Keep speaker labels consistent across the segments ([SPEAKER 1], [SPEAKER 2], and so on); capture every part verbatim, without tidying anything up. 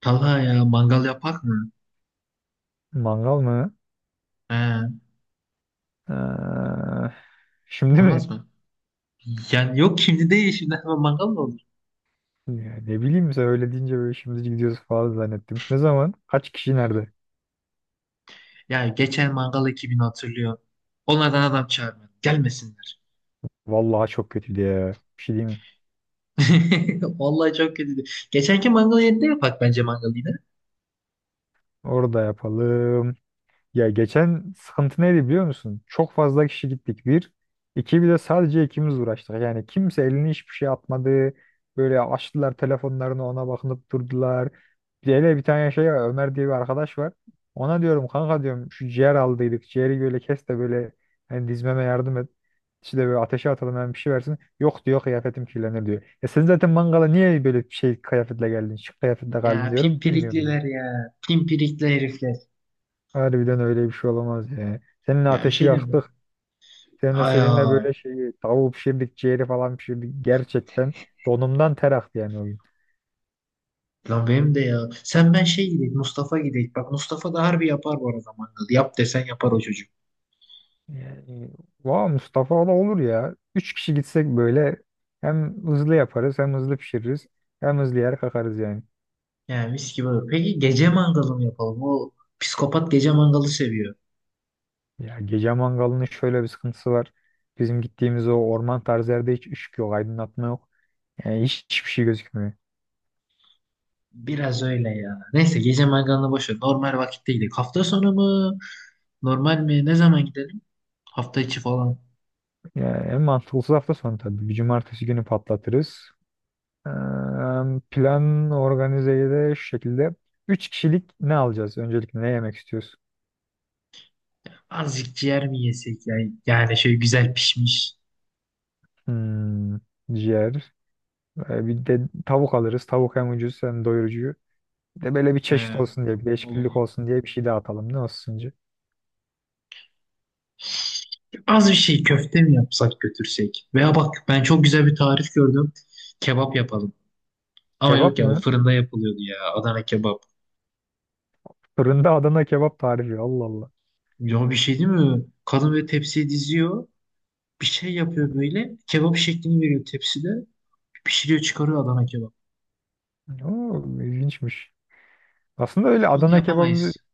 [SPEAKER 1] Talha ya mangal yapak mı?
[SPEAKER 2] Mangal mı?
[SPEAKER 1] He,
[SPEAKER 2] Ee, şimdi
[SPEAKER 1] olmaz
[SPEAKER 2] mi?
[SPEAKER 1] mı? Yani yok şimdi değil şimdi hemen mangal mı olur?
[SPEAKER 2] Ya ne bileyim sen öyle deyince böyle şimdi gidiyoruz falan zannettim. Ne zaman? Kaç kişi nerede?
[SPEAKER 1] Ya geçen mangal ekibini hatırlıyor. Onlardan adam çağırmadım. Gelmesinler.
[SPEAKER 2] Vallahi çok kötü diye. Bir şey diyeyim mi?
[SPEAKER 1] Vallahi çok kötüydü. Geçenki mangal yerinde yapak bence mangal yine.
[SPEAKER 2] Orada yapalım. Ya geçen sıkıntı neydi biliyor musun? Çok fazla kişi gittik bir. İki bir de sadece ikimiz uğraştık. Yani kimse elini hiçbir şey atmadı. Böyle açtılar telefonlarını ona bakınıp durdular. Bir de hele bir tane şey var, Ömer diye bir arkadaş var. Ona diyorum kanka diyorum şu ciğer aldıydık. Ciğeri böyle kes de böyle hani dizmeme yardım et. İşte böyle ateşe atalım hemen bir şey versin. Yok diyor kıyafetim kirlenir diyor. Ya sen zaten mangala niye böyle bir şey kıyafetle geldin? Şık kıyafetle geldin
[SPEAKER 1] Ya
[SPEAKER 2] diyorum. Bilmiyorum.
[SPEAKER 1] pimpirikliler ya. Pimpirikli herifler.
[SPEAKER 2] Harbiden öyle bir şey olamaz ya. Seninle
[SPEAKER 1] Ya bir
[SPEAKER 2] ateşi
[SPEAKER 1] şey diyeyim mi?
[SPEAKER 2] yaktık. Seninle
[SPEAKER 1] Hay
[SPEAKER 2] seninle böyle şeyi tavuğu pişirdik, ciğeri falan pişirdik. Gerçekten donumdan ter aktı yani o gün.
[SPEAKER 1] lan benim de ya. Sen ben şey gidelim Mustafa gidelim. Bak Mustafa da harbi yapar bu arada mangalı. Yap desen yapar o çocuk.
[SPEAKER 2] Yani, vay Mustafa o da olur ya. Üç kişi gitsek böyle hem hızlı yaparız hem hızlı pişiririz hem hızlı yer kakarız yani.
[SPEAKER 1] Yani mis gibi olur. Peki gece mangalı mı yapalım? O psikopat gece mangalı seviyor.
[SPEAKER 2] Ya gece mangalının şöyle bir sıkıntısı var. Bizim gittiğimiz o orman tarzı yerde hiç ışık yok, aydınlatma yok. Yani hiç, hiçbir şey gözükmüyor.
[SPEAKER 1] Biraz öyle ya. Neyse gece mangalını boş ver. Normal vakitte gidelim. Hafta sonu mu? Normal mi? Ne zaman gidelim? Hafta içi falan.
[SPEAKER 2] Yani en mantıklısı hafta sonu tabii. Bir cumartesi günü patlatırız. Eee, Plan organizeyi de şu şekilde. Üç kişilik ne alacağız? Öncelikle ne yemek istiyoruz?
[SPEAKER 1] Azıcık ciğer mi yesek ya? Yani şöyle güzel pişmiş.
[SPEAKER 2] Hmm, ciğer. Ee, bir de tavuk alırız. Tavuk hem ucuz hem doyurucu. Bir de böyle bir çeşit
[SPEAKER 1] Ee,
[SPEAKER 2] olsun diye, bir değişiklik
[SPEAKER 1] olur.
[SPEAKER 2] olsun diye bir şey daha atalım. Ne olsun sence?
[SPEAKER 1] Az bir şey köfte mi yapsak götürsek? Veya bak ben çok güzel bir tarif gördüm. Kebap yapalım. Ama yok
[SPEAKER 2] Kebap
[SPEAKER 1] ya o
[SPEAKER 2] mı?
[SPEAKER 1] fırında yapılıyordu ya. Adana kebap.
[SPEAKER 2] Fırında Adana kebap tarifi. Allah Allah.
[SPEAKER 1] Ya bir şey değil mi? Kadın böyle tepsiye diziyor. Bir şey yapıyor böyle. Kebap şeklini veriyor tepside. Pişiriyor çıkarıyor Adana kebap.
[SPEAKER 2] Oo, ilginçmiş. Aslında öyle
[SPEAKER 1] Ama onu
[SPEAKER 2] Adana kebabı
[SPEAKER 1] yapamayız.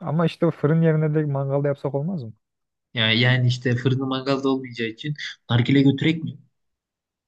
[SPEAKER 2] ama işte fırın yerine de mangalda yapsak olmaz mı?
[SPEAKER 1] Yani, yani işte fırında mangalda olmayacağı için nargile götürek mi?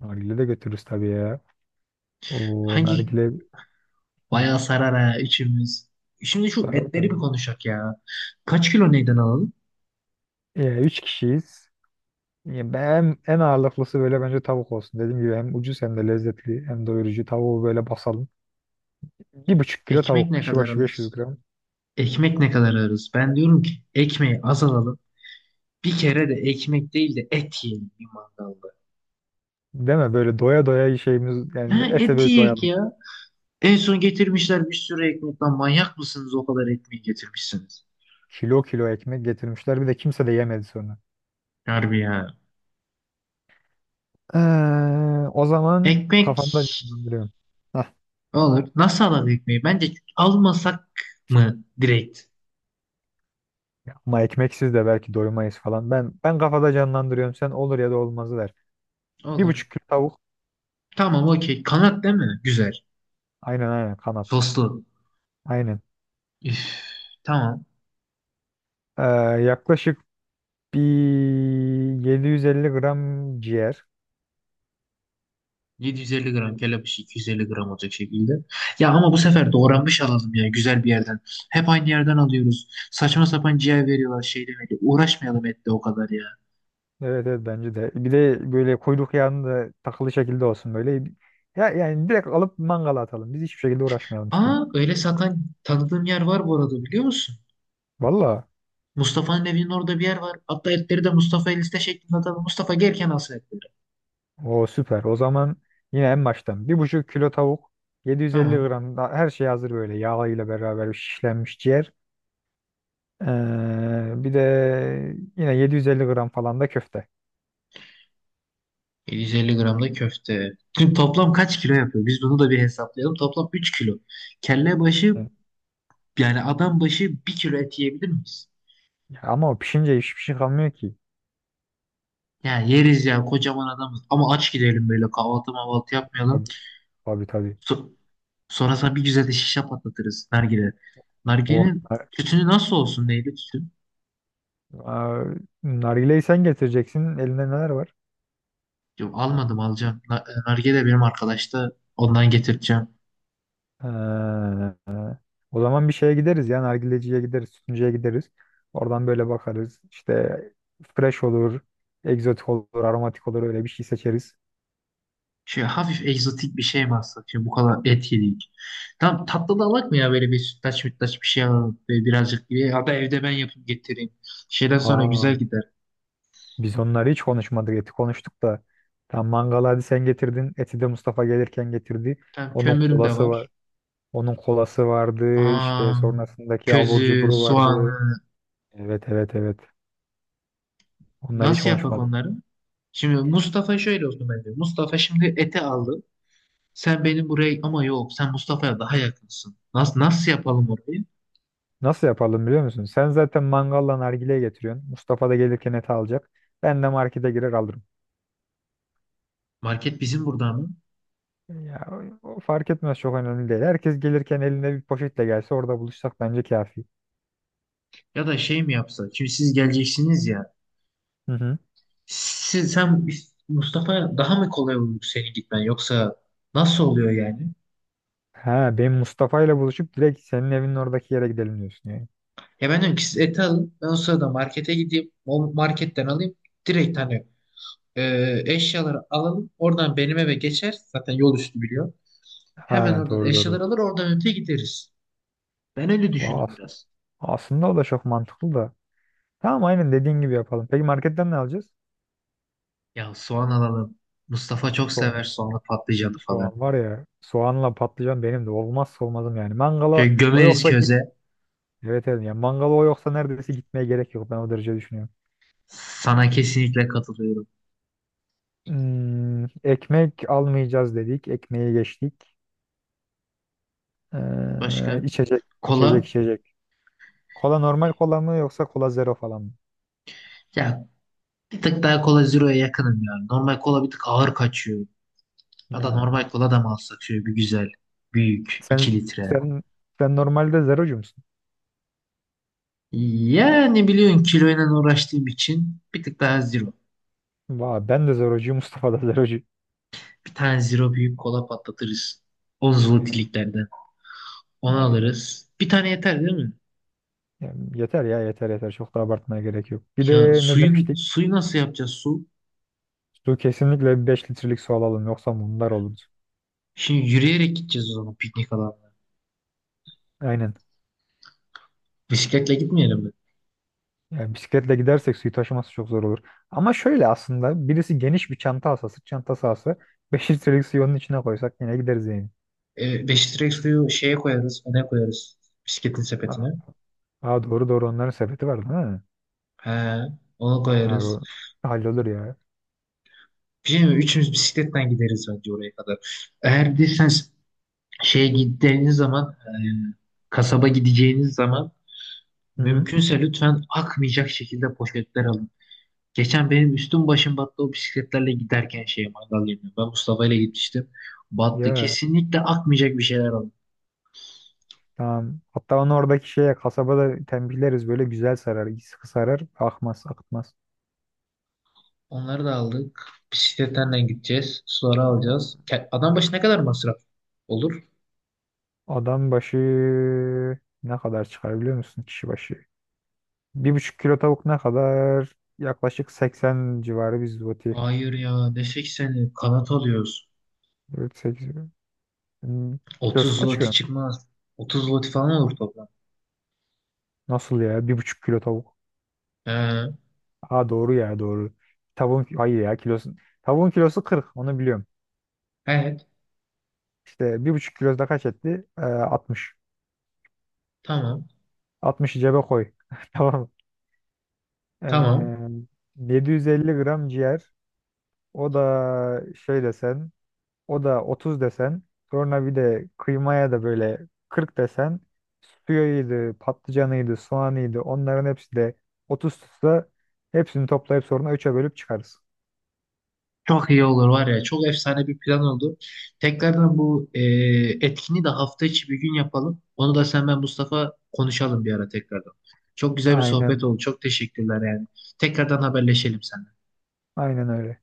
[SPEAKER 2] Nargile de götürürüz tabii ya. O
[SPEAKER 1] Hangi
[SPEAKER 2] nargile. Hı,
[SPEAKER 1] Bayağı sarar ha içimiz. Şimdi şu
[SPEAKER 2] sarar
[SPEAKER 1] etleri bir
[SPEAKER 2] tabii.
[SPEAKER 1] konuşak ya. Kaç kilo neyden alalım?
[SPEAKER 2] E, üç kişiyiz. Ya ben en ağırlıklısı böyle bence tavuk olsun. Dediğim gibi hem ucuz hem de lezzetli hem doyurucu. Tavuğu böyle basalım. Bir buçuk kilo
[SPEAKER 1] Ekmek
[SPEAKER 2] tavuk.
[SPEAKER 1] ne
[SPEAKER 2] Kişi
[SPEAKER 1] kadar
[SPEAKER 2] başı beş yüz
[SPEAKER 1] alırız?
[SPEAKER 2] gram.
[SPEAKER 1] Ekmek ne kadar alırız? Ben diyorum ki ekmeği az alalım. Bir kere de ekmek değil de et yiyelim bir mangalda.
[SPEAKER 2] Değil mi? Böyle doya doya şeyimiz
[SPEAKER 1] Ha
[SPEAKER 2] yani ete
[SPEAKER 1] et
[SPEAKER 2] böyle
[SPEAKER 1] yiyek
[SPEAKER 2] doyalım.
[SPEAKER 1] ya. En son getirmişler bir sürü ekmek. Lan manyak mısınız o kadar ekmeği getirmişsiniz?
[SPEAKER 2] Kilo kilo ekmek getirmişler. Bir de kimse de yemedi sonra.
[SPEAKER 1] Harbi ya.
[SPEAKER 2] Ee, o zaman
[SPEAKER 1] Ekmek
[SPEAKER 2] kafamda canlandırıyorum. Hah,
[SPEAKER 1] olur. Nasıl alalım ekmeği? Bence almasak mı direkt?
[SPEAKER 2] ama ekmeksiz de belki doymayız falan. Ben ben kafada canlandırıyorum. Sen olur ya da olmazı der. Bir
[SPEAKER 1] Olur.
[SPEAKER 2] buçuk kilo tavuk.
[SPEAKER 1] Tamam okey. Kanat değil mi? Güzel.
[SPEAKER 2] Aynen aynen kanat.
[SPEAKER 1] Soslu.
[SPEAKER 2] Aynen.
[SPEAKER 1] Üf, tamam.
[SPEAKER 2] Ee, yaklaşık bir yedi yüz elli gram ciğer.
[SPEAKER 1] yedi yüz elli gram kelepçe iki yüz elli gram olacak şekilde. Ya ama bu sefer doğranmış alalım ya güzel bir yerden. Hep aynı yerden alıyoruz. Saçma sapan ciğer veriyorlar şeyle veriyor. Uğraşmayalım etle o kadar ya.
[SPEAKER 2] Evet evet bence de. Bir de böyle kuyruk yağını da takılı şekilde olsun böyle. Ya yani direkt alıp mangala atalım. Biz hiçbir şekilde uğraşmayalım istiyorum.
[SPEAKER 1] Aa, öyle satan tanıdığım yer var bu arada biliyor musun?
[SPEAKER 2] Valla.
[SPEAKER 1] Mustafa'nın evinin orada bir yer var. Hatta etleri de Mustafa'ya liste şeklinde atalım. Mustafa gelken alsın etleri.
[SPEAKER 2] O süper. O zaman yine en baştan, bir buçuk kilo tavuk. yedi yüz elli
[SPEAKER 1] Tamam.
[SPEAKER 2] gram da her şey hazır böyle. Yağıyla beraber şişlenmiş ciğer. Ee, bir de yine yedi yüz elli gram falan da köfte.
[SPEAKER 1] yedi yüz elli gram da köfte. Şimdi toplam kaç kilo yapıyor? Biz bunu da bir hesaplayalım. Toplam üç kilo. Kelle başı
[SPEAKER 2] Evet.
[SPEAKER 1] yani adam başı bir kilo et yiyebilir miyiz?
[SPEAKER 2] Ya ama o pişince hiçbir şey kalmıyor ki.
[SPEAKER 1] Yani yeriz ya kocaman adamız. Ama aç gidelim böyle kahvaltı mahvaltı yapmayalım.
[SPEAKER 2] Tabii tabii. Tabii.
[SPEAKER 1] So Sonra sana bir güzel de şişe patlatırız nargile.
[SPEAKER 2] Oh.
[SPEAKER 1] Nargilenin tütünü nasıl olsun neydi tütün?
[SPEAKER 2] Aa, nargileyi sen getireceksin. Elinde neler var?
[SPEAKER 1] Yok, almadım alacağım. Na- e, Nargile benim arkadaşta ondan getireceğim.
[SPEAKER 2] Ha, o zaman bir şeye gideriz ya. Nargileciye gideriz, sütüncüye gideriz. Oradan böyle bakarız. İşte fresh olur, egzotik olur, aromatik olur öyle bir şey seçeriz.
[SPEAKER 1] Şey hafif egzotik bir şey mi alsak? Şimdi bu kadar et yedik. Tamam tatlı da alak mı ya böyle bir sütlaç mütlaç bir şey alalım. Böyle birazcık bir ya da evde ben yapıp getireyim. Şeyden sonra
[SPEAKER 2] Aa,
[SPEAKER 1] güzel gider.
[SPEAKER 2] biz onları hiç konuşmadık. Eti konuştuk da. Tam mangalı hadi sen getirdin. Eti de Mustafa gelirken getirdi.
[SPEAKER 1] Tamam
[SPEAKER 2] Onun
[SPEAKER 1] kömürüm de
[SPEAKER 2] kolası var.
[SPEAKER 1] var.
[SPEAKER 2] Onun kolası vardı. İşte
[SPEAKER 1] Aa,
[SPEAKER 2] sonrasındaki abur
[SPEAKER 1] közü,
[SPEAKER 2] cuburu vardı.
[SPEAKER 1] soğanı
[SPEAKER 2] Evet evet evet. Onları hiç
[SPEAKER 1] nasıl yapak
[SPEAKER 2] konuşmadık.
[SPEAKER 1] onları? Şimdi Mustafa şöyle olsun bence. Mustafa şimdi ete aldı. Sen benim buraya ama yok sen Mustafa'ya daha yakınsın. Nasıl, nasıl yapalım orayı?
[SPEAKER 2] Nasıl yapalım biliyor musun? Sen zaten mangalla nargileyi getiriyorsun. Mustafa da gelirken et alacak. Ben de markete girer alırım.
[SPEAKER 1] Market bizim burada mı?
[SPEAKER 2] Ya, o o fark etmez çok önemli değil. Herkes gelirken elinde bir poşetle gelse orada buluşsak bence kafi.
[SPEAKER 1] Ya da şey mi yapsak? Şimdi siz geleceksiniz ya.
[SPEAKER 2] Hı hı.
[SPEAKER 1] Siz, sen Mustafa daha mı kolay olur senin gitmen yoksa nasıl oluyor yani?
[SPEAKER 2] Ha, benim Mustafa ile buluşup direkt senin evinin oradaki yere gidelim diyorsun yani.
[SPEAKER 1] Ya ben diyorum ki siz eti alın ben o sırada markete gideyim o marketten alayım direkt hani e, eşyaları alalım oradan benim eve geçer zaten yol üstü biliyor. Hemen
[SPEAKER 2] Ha
[SPEAKER 1] oradan
[SPEAKER 2] doğru doğru.
[SPEAKER 1] eşyaları alır oradan öte gideriz. Ben öyle
[SPEAKER 2] Vay,
[SPEAKER 1] düşündüm
[SPEAKER 2] as-
[SPEAKER 1] biraz.
[SPEAKER 2] aslında o da çok mantıklı da. Tamam aynen dediğin gibi yapalım. Peki marketten ne alacağız?
[SPEAKER 1] Ya soğan alalım. Mustafa çok
[SPEAKER 2] Soğan.
[SPEAKER 1] sever soğanlı patlıcanı falan.
[SPEAKER 2] Soğan var ya soğanla patlıcan benim de olmazsa olmazım yani. Mangala
[SPEAKER 1] Şöyle
[SPEAKER 2] o
[SPEAKER 1] gömeriz
[SPEAKER 2] yoksa.
[SPEAKER 1] köze.
[SPEAKER 2] Evet evet. Yani mangalı o yoksa neredeyse gitmeye gerek yok. Ben o derece düşünüyorum.
[SPEAKER 1] Sana kesinlikle katılıyorum.
[SPEAKER 2] Hmm, ekmek almayacağız dedik. Ekmeği geçtik.
[SPEAKER 1] Başka?
[SPEAKER 2] Ee, içecek, içecek,
[SPEAKER 1] Kola.
[SPEAKER 2] içecek. Kola normal kola mı yoksa kola zero falan mı?
[SPEAKER 1] Ya bir tık daha Cola Zero'ya yakınım yani. Normal kola bir tık ağır kaçıyor. Ya da
[SPEAKER 2] Ha.
[SPEAKER 1] normal kola da mı alsak şöyle bir güzel, büyük,
[SPEAKER 2] Sen
[SPEAKER 1] iki litre.
[SPEAKER 2] sen sen normalde zerocu musun?
[SPEAKER 1] Yani biliyorsun kiloyla uğraştığım için bir tık daha Zero.
[SPEAKER 2] Vay, ben de zerocuyum. Mustafa da zerocu.
[SPEAKER 1] Bir tane Zero büyük kola patlatırız. on
[SPEAKER 2] Aynen.
[SPEAKER 1] zlotiliklerden. Onu
[SPEAKER 2] Aynen.
[SPEAKER 1] alırız. Bir tane yeter değil mi?
[SPEAKER 2] Yani yeter ya yeter yeter. Çok da abartmaya gerek yok. Bir
[SPEAKER 1] Ya
[SPEAKER 2] de ne
[SPEAKER 1] suyun
[SPEAKER 2] demiştik?
[SPEAKER 1] suyu nasıl yapacağız su?
[SPEAKER 2] Su kesinlikle beş litrelik su alalım. Yoksa bunlar olur.
[SPEAKER 1] Şimdi yürüyerek gideceğiz o zaman piknik alanına.
[SPEAKER 2] Aynen.
[SPEAKER 1] Bisikletle gitmeyelim mi?
[SPEAKER 2] Yani bisikletle gidersek suyu taşıması çok zor olur. Ama şöyle aslında birisi geniş bir çanta alsa, sırt çantası alsa beş litrelik suyu onun içine koysak yine gideriz yani.
[SPEAKER 1] E, beş litre suyu şeye koyarız, öne koyarız. Bisikletin
[SPEAKER 2] Aa,
[SPEAKER 1] sepetine.
[SPEAKER 2] aa, doğru doğru onların sepeti var değil mi?
[SPEAKER 1] He, onu
[SPEAKER 2] Aa,
[SPEAKER 1] koyarız.
[SPEAKER 2] o hallolur ya.
[SPEAKER 1] Bir şey mi? Üçümüz bisikletten gideriz bence oraya kadar. Eğer bir de sen şeye gittiğiniz zaman, e, kasaba gideceğiniz zaman
[SPEAKER 2] Hı hı.
[SPEAKER 1] mümkünse lütfen akmayacak şekilde poşetler alın. Geçen benim üstüm başım battı o bisikletlerle giderken şeye mangal yerine. Ben Mustafa ile gitmiştim. Battı.
[SPEAKER 2] Ya
[SPEAKER 1] Kesinlikle akmayacak bir şeyler alın.
[SPEAKER 2] tamam. Hatta onu oradaki şeye kasabada tembihleriz böyle güzel sarar, sıkı sarar, akmaz, akıtmaz.
[SPEAKER 1] Onları da aldık. Bisikletten de gideceğiz. Suları
[SPEAKER 2] Ha,
[SPEAKER 1] alacağız. Ke- Adam başı ne kadar masraf olur?
[SPEAKER 2] adam başı ne kadar çıkar biliyor musun kişi başı? Bir buçuk kilo tavuk ne kadar? Yaklaşık seksen civarı bir zloty.
[SPEAKER 1] Hayır ya ne sekseni kanat alıyoruz.
[SPEAKER 2] dört, sekiz. Hmm. Kilosu
[SPEAKER 1] otuz
[SPEAKER 2] kaç ki?
[SPEAKER 1] zloty çıkmaz. otuz zloty falan olur toplam.
[SPEAKER 2] Nasıl ya? Bir buçuk kilo tavuk.
[SPEAKER 1] Ee,
[SPEAKER 2] Ha doğru ya doğru. Tavuğun hayır ya kilosu. Tavuğun kilosu kırk onu biliyorum.
[SPEAKER 1] evet.
[SPEAKER 2] İşte bir buçuk kilosu da kaç etti? Ee, altmış.
[SPEAKER 1] Tamam.
[SPEAKER 2] altmışı cebe koy. Tamam.
[SPEAKER 1] Tamam.
[SPEAKER 2] Ee, yedi yüz elli gram ciğer. O da şey desen. O da otuz desen. Sonra bir de kıymaya da böyle kırk desen. Suyuydu, patlıcanıydı, soğanıydı. Onların hepsi de otuz tutsa hepsini toplayıp sonra üç'e bölüp çıkarız.
[SPEAKER 1] Çok iyi olur var ya. Çok efsane bir plan oldu. Tekrardan bu e, etkini de hafta içi bir gün yapalım. Onu da sen ben Mustafa konuşalım bir ara tekrardan. Çok güzel bir sohbet
[SPEAKER 2] Aynen.
[SPEAKER 1] oldu. Çok teşekkürler yani. Tekrardan haberleşelim sen.
[SPEAKER 2] Aynen öyle.